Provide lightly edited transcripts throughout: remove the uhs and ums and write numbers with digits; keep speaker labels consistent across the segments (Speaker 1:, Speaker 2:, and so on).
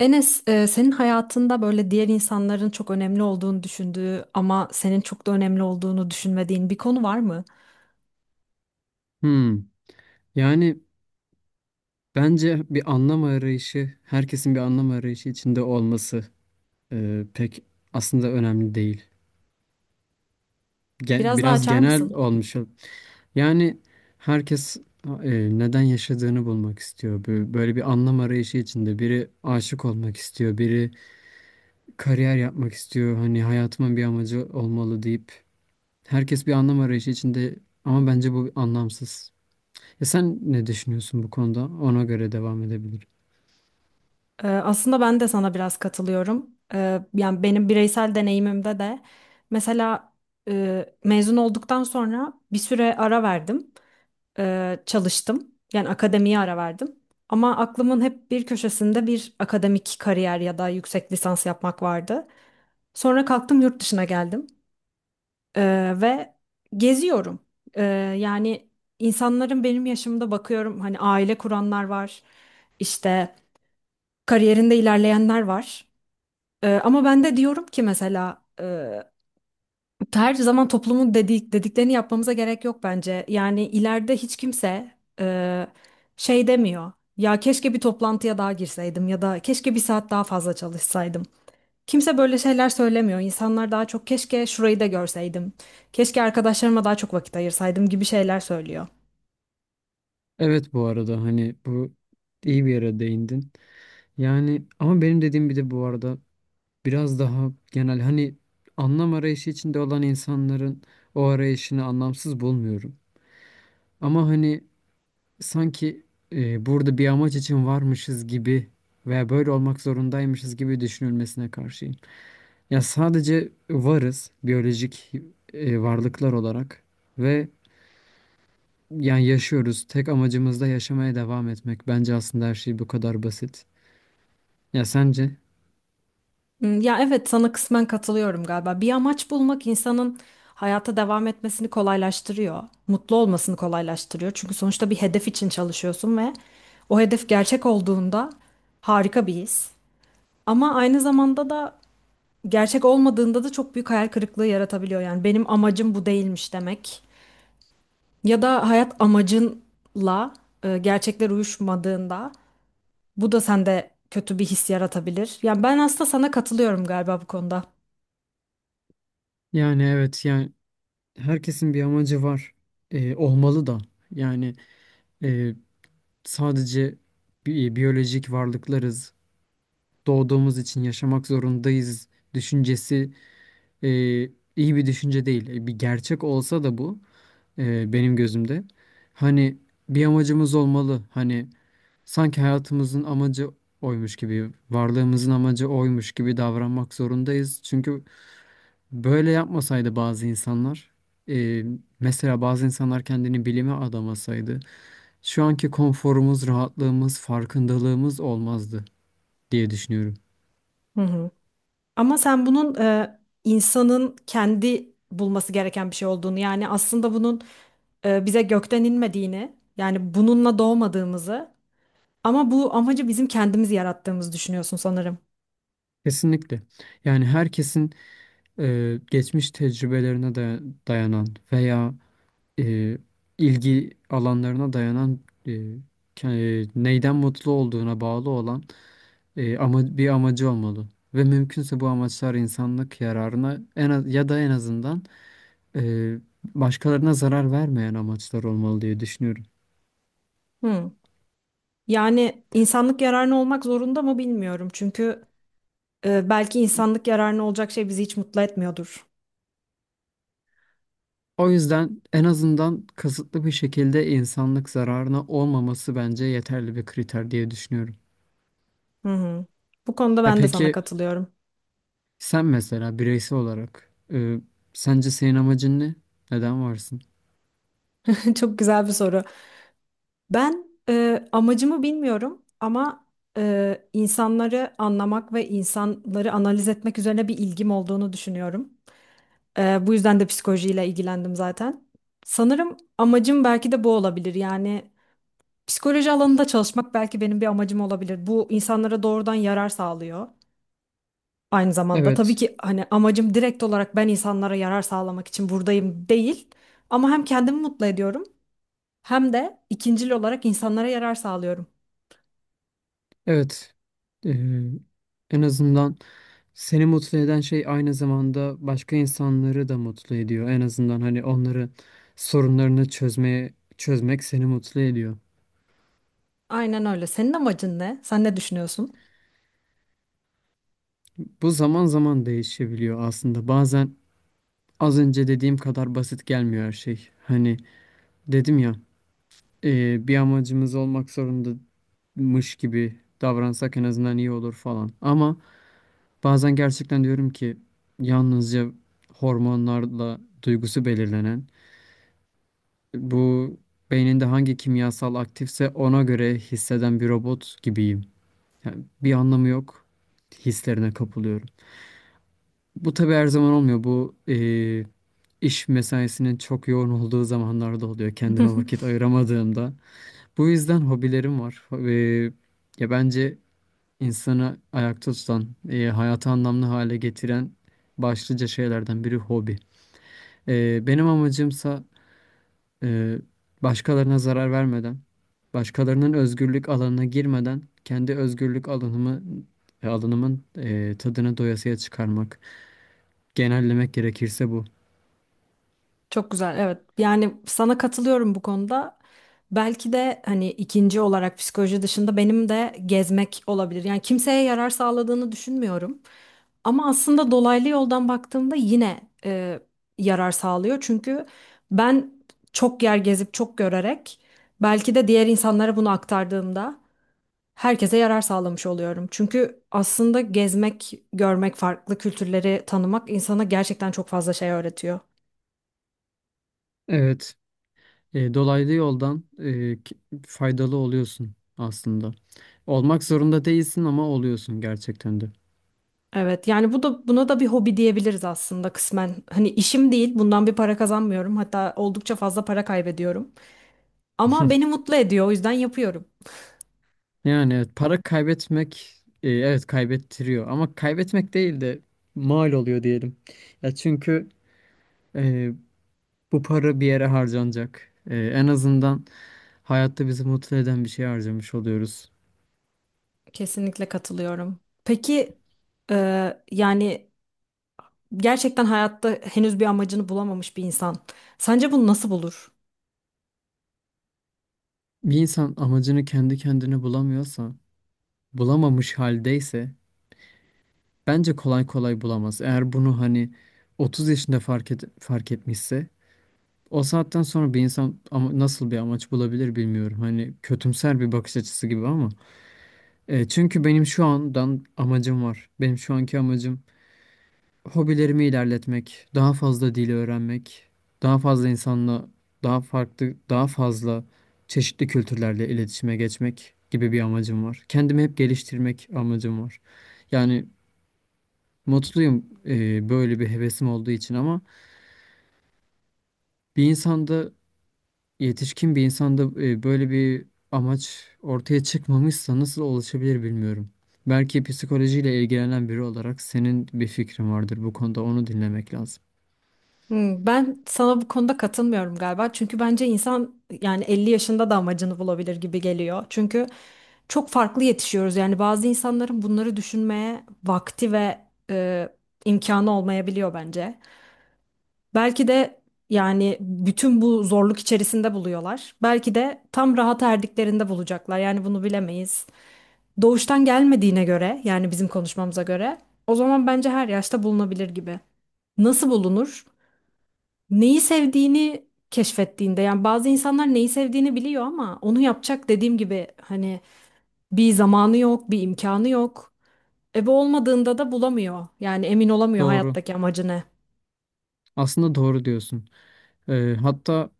Speaker 1: Enes, senin hayatında böyle diğer insanların çok önemli olduğunu düşündüğü ama senin çok da önemli olduğunu düşünmediğin bir konu var mı?
Speaker 2: Hmm. Yani bence bir anlam arayışı, herkesin bir anlam arayışı içinde olması pek aslında önemli değil.
Speaker 1: Biraz daha
Speaker 2: Biraz
Speaker 1: açar
Speaker 2: genel
Speaker 1: mısın?
Speaker 2: olmuş. Yani herkes neden yaşadığını bulmak istiyor. Böyle bir anlam arayışı içinde. Biri aşık olmak istiyor, biri kariyer yapmak istiyor. Hani hayatımın bir amacı olmalı deyip herkes bir anlam arayışı içinde, ama bence bu anlamsız. Ya sen ne düşünüyorsun bu konuda? Ona göre devam edebiliriz.
Speaker 1: Aslında ben de sana biraz katılıyorum. Yani benim bireysel deneyimimde de mesela mezun olduktan sonra bir süre ara verdim, çalıştım. Yani akademiye ara verdim. Ama aklımın hep bir köşesinde bir akademik kariyer ya da yüksek lisans yapmak vardı. Sonra kalktım yurt dışına geldim. Ve geziyorum. Ee, Yani insanların benim yaşımda bakıyorum, hani aile kuranlar var, işte kariyerinde ilerleyenler var. Ama ben de diyorum ki mesela her zaman toplumun dediklerini yapmamıza gerek yok bence. Yani ileride hiç kimse e, şey demiyor. Ya keşke bir toplantıya daha girseydim ya da keşke bir saat daha fazla çalışsaydım. Kimse böyle şeyler söylemiyor. İnsanlar daha çok keşke şurayı da görseydim. Keşke arkadaşlarıma daha çok vakit ayırsaydım gibi şeyler söylüyor.
Speaker 2: Evet, bu arada hani bu iyi bir yere değindin. Yani ama benim dediğim, bir de bu arada biraz daha genel, hani anlam arayışı içinde olan insanların o arayışını anlamsız bulmuyorum. Ama hani sanki burada bir amaç için varmışız gibi veya böyle olmak zorundaymışız gibi düşünülmesine karşıyım. Ya sadece varız, biyolojik varlıklar olarak ve yani yaşıyoruz. Tek amacımız da yaşamaya devam etmek. Bence aslında her şey bu kadar basit. Ya sence?
Speaker 1: Hmm. Ya evet, sana kısmen katılıyorum galiba. Bir amaç bulmak insanın hayata devam etmesini kolaylaştırıyor. Mutlu olmasını kolaylaştırıyor. Çünkü sonuçta bir hedef için çalışıyorsun ve o hedef gerçek olduğunda harika bir his. Ama aynı zamanda da gerçek olmadığında da çok büyük hayal kırıklığı yaratabiliyor. Yani benim amacım bu değilmiş demek. Ya da hayat amacınla gerçekler uyuşmadığında bu da sende kötü bir his yaratabilir. Yani ben aslında sana katılıyorum galiba bu konuda.
Speaker 2: Yani evet, yani herkesin bir amacı var. Olmalı da. Yani e, sadece biyolojik varlıklarız. Doğduğumuz için yaşamak zorundayız düşüncesi e, iyi bir düşünce değil. E, bir gerçek olsa da bu, benim gözümde. Hani bir amacımız olmalı. Hani sanki hayatımızın amacı oymuş gibi, varlığımızın amacı oymuş gibi davranmak zorundayız. Çünkü böyle yapmasaydı bazı insanlar, e, mesela bazı insanlar kendini bilime adamasaydı, şu anki konforumuz, rahatlığımız, farkındalığımız olmazdı diye düşünüyorum.
Speaker 1: Hı hı. Ama sen bunun insanın kendi bulması gereken bir şey olduğunu, yani aslında bunun bize gökten inmediğini, yani bununla doğmadığımızı, ama bu amacı bizim kendimiz yarattığımızı düşünüyorsun sanırım.
Speaker 2: Kesinlikle. Yani herkesin geçmiş tecrübelerine dayanan veya e, ilgi alanlarına dayanan, e, neyden mutlu olduğuna bağlı olan, ama bir amacı olmalı. Ve mümkünse bu amaçlar insanlık yararına, en az, ya da en azından e, başkalarına zarar vermeyen amaçlar olmalı diye düşünüyorum.
Speaker 1: Hı. Yani insanlık yararına olmak zorunda mı bilmiyorum. Çünkü belki insanlık yararına olacak şey bizi hiç mutlu etmiyordur.
Speaker 2: O yüzden en azından kasıtlı bir şekilde insanlık zararına olmaması bence yeterli bir kriter diye düşünüyorum.
Speaker 1: Hı hı. Bu konuda
Speaker 2: Ya
Speaker 1: ben de sana
Speaker 2: peki,
Speaker 1: katılıyorum.
Speaker 2: sen mesela bireysel olarak, sence senin amacın ne? Neden varsın?
Speaker 1: Çok güzel bir soru. Ben amacımı bilmiyorum ama insanları anlamak ve insanları analiz etmek üzerine bir ilgim olduğunu düşünüyorum. Bu yüzden de psikolojiyle ilgilendim zaten. Sanırım amacım belki de bu olabilir. Yani psikoloji alanında çalışmak belki benim bir amacım olabilir. Bu insanlara doğrudan yarar sağlıyor. Aynı zamanda tabii
Speaker 2: Evet,
Speaker 1: ki hani amacım direkt olarak ben insanlara yarar sağlamak için buradayım değil. Ama hem kendimi mutlu ediyorum hem de ikincil olarak insanlara yarar sağlıyorum.
Speaker 2: evet. E, en azından seni mutlu eden şey aynı zamanda başka insanları da mutlu ediyor. En azından hani onların sorunlarını çözmek seni mutlu ediyor.
Speaker 1: Aynen öyle. Senin amacın ne? Sen ne düşünüyorsun?
Speaker 2: Bu zaman zaman değişebiliyor aslında. Bazen az önce dediğim kadar basit gelmiyor her şey. Hani dedim ya, bir amacımız olmak zorundamış gibi davransak en azından iyi olur falan. Ama bazen gerçekten diyorum ki yalnızca hormonlarla duygusu belirlenen, bu beyninde hangi kimyasal aktifse ona göre hisseden bir robot gibiyim. Yani bir anlamı yok. Hislerine kapılıyorum. Bu tabii her zaman olmuyor. Bu iş mesaisinin çok yoğun olduğu zamanlarda oluyor. Kendime vakit ayıramadığımda. Bu yüzden hobilerim var. Ya bence insanı ayakta tutan, hayatı anlamlı hale getiren başlıca şeylerden biri hobi. Benim amacımsa eee, başkalarına zarar vermeden, başkalarının özgürlük alanına girmeden kendi özgürlük alanımı alanımın tadını doyasıya çıkarmak. Genellemek gerekirse bu.
Speaker 1: Çok güzel, evet. Yani sana katılıyorum bu konuda. Belki de hani ikinci olarak psikoloji dışında benim de gezmek olabilir. Yani kimseye yarar sağladığını düşünmüyorum. Ama aslında dolaylı yoldan baktığımda yine yarar sağlıyor. Çünkü ben çok yer gezip çok görerek belki de diğer insanlara bunu aktardığımda herkese yarar sağlamış oluyorum. Çünkü aslında gezmek, görmek, farklı kültürleri tanımak insana gerçekten çok fazla şey öğretiyor.
Speaker 2: Evet. E, dolaylı yoldan, faydalı oluyorsun aslında. Olmak zorunda değilsin, ama oluyorsun gerçekten de.
Speaker 1: Evet, yani bu da buna da bir hobi diyebiliriz aslında kısmen. Hani işim değil, bundan bir para kazanmıyorum. Hatta oldukça fazla para kaybediyorum. Ama beni mutlu ediyor, o yüzden yapıyorum.
Speaker 2: Yani evet, para kaybetmek, evet, kaybettiriyor, ama kaybetmek değil de mal oluyor diyelim. Ya çünkü e, bu para bir yere harcanacak. E, en azından hayatta bizi mutlu eden bir şey harcamış oluyoruz.
Speaker 1: Kesinlikle katılıyorum. Peki yani gerçekten hayatta henüz bir amacını bulamamış bir insan. Sence bunu nasıl bulur?
Speaker 2: Bir insan amacını kendi kendine bulamıyorsa, bulamamış haldeyse, bence kolay kolay bulamaz. Eğer bunu hani 30 yaşında fark etmişse, o saatten sonra bir insan ama nasıl bir amaç bulabilir bilmiyorum. Hani kötümser bir bakış açısı gibi, ama E, çünkü benim şu andan amacım var. Benim şu anki amacım hobilerimi ilerletmek, daha fazla dili öğrenmek, daha fazla insanla daha farklı, daha fazla çeşitli kültürlerle iletişime geçmek gibi bir amacım var. Kendimi hep geliştirmek amacım var. Yani mutluyum böyle bir hevesim olduğu için, ama bir insanda yetişkin bir insanda böyle bir amaç ortaya çıkmamışsa nasıl ulaşabilir bilmiyorum. Belki psikolojiyle ilgilenen biri olarak senin bir fikrin vardır bu konuda, onu dinlemek lazım.
Speaker 1: Hmm. Ben sana bu konuda katılmıyorum galiba. Çünkü bence insan yani 50 yaşında da amacını bulabilir gibi geliyor. Çünkü çok farklı yetişiyoruz. Yani bazı insanların bunları düşünmeye vakti ve e, imkanı olmayabiliyor bence. Belki de yani bütün bu zorluk içerisinde buluyorlar. Belki de tam rahat erdiklerinde bulacaklar. Yani bunu bilemeyiz. Doğuştan gelmediğine göre, yani bizim konuşmamıza göre, o zaman bence her yaşta bulunabilir gibi. Nasıl bulunur? Neyi sevdiğini keşfettiğinde. Yani bazı insanlar neyi sevdiğini biliyor ama onu yapacak, dediğim gibi hani, bir zamanı yok, bir imkanı yok. E bu olmadığında da bulamıyor. Yani emin olamıyor
Speaker 2: Doğru.
Speaker 1: hayattaki amacı ne.
Speaker 2: Aslında doğru diyorsun. E, hatta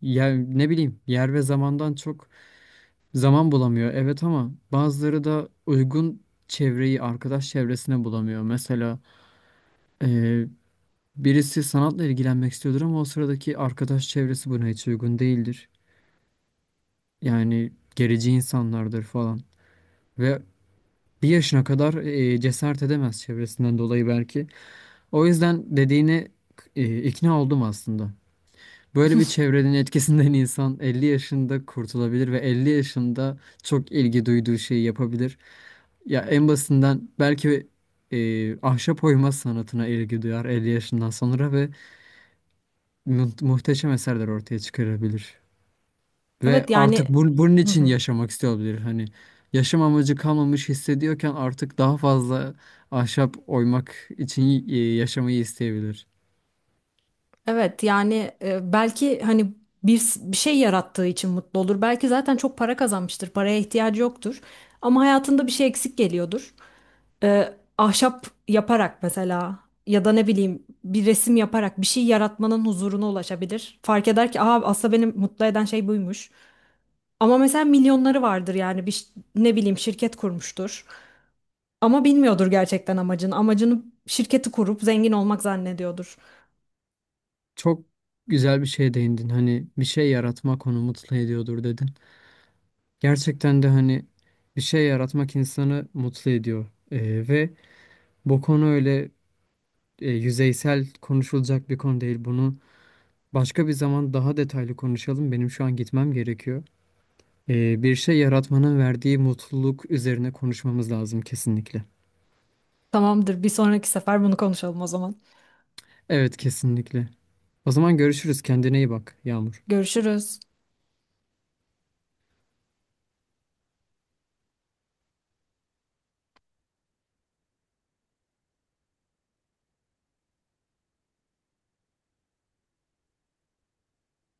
Speaker 2: ne bileyim, yer ve zamandan çok zaman bulamıyor. Evet, ama bazıları da uygun çevreyi, arkadaş çevresine bulamıyor. Mesela ee, birisi sanatla ilgilenmek istiyordur ama o sıradaki arkadaş çevresi buna hiç uygun değildir. Yani gerici insanlardır falan. Ve bir yaşına kadar cesaret edemez çevresinden dolayı belki. O yüzden dediğine ikna oldum aslında. Böyle bir çevrenin etkisinden insan 50 yaşında kurtulabilir ve 50 yaşında çok ilgi duyduğu şeyi yapabilir. Ya en basitinden belki ahşap oyma sanatına ilgi duyar 50 yaşından sonra ve muhteşem eserler ortaya çıkarabilir. Ve
Speaker 1: Evet yani.
Speaker 2: artık bunun
Speaker 1: Hı
Speaker 2: için
Speaker 1: hı.
Speaker 2: yaşamak istiyor olabilir. Hani yaşam amacı kalmamış hissediyorken artık daha fazla ahşap oymak için yaşamayı isteyebilir.
Speaker 1: Evet yani, belki hani bir şey yarattığı için mutlu olur. Belki zaten çok para kazanmıştır. Paraya ihtiyacı yoktur. Ama hayatında bir şey eksik geliyordur. Ahşap yaparak mesela, ya da ne bileyim bir resim yaparak bir şey yaratmanın huzuruna ulaşabilir. Fark eder ki aa, aslında beni mutlu eden şey buymuş. Ama mesela milyonları vardır, yani ne bileyim şirket kurmuştur. Ama bilmiyordur gerçekten amacını. Amacını şirketi kurup zengin olmak zannediyordur.
Speaker 2: Çok güzel bir şeye değindin. Hani bir şey yaratmak onu mutlu ediyordur dedin. Gerçekten de hani bir şey yaratmak insanı mutlu ediyor. E, ve bu konu öyle yüzeysel konuşulacak bir konu değil. Bunu başka bir zaman daha detaylı konuşalım. Benim şu an gitmem gerekiyor. Bir şey yaratmanın verdiği mutluluk üzerine konuşmamız lazım kesinlikle.
Speaker 1: Tamamdır, bir sonraki sefer bunu konuşalım o zaman.
Speaker 2: Evet, kesinlikle. O zaman görüşürüz. Kendine iyi bak, Yağmur.
Speaker 1: Görüşürüz.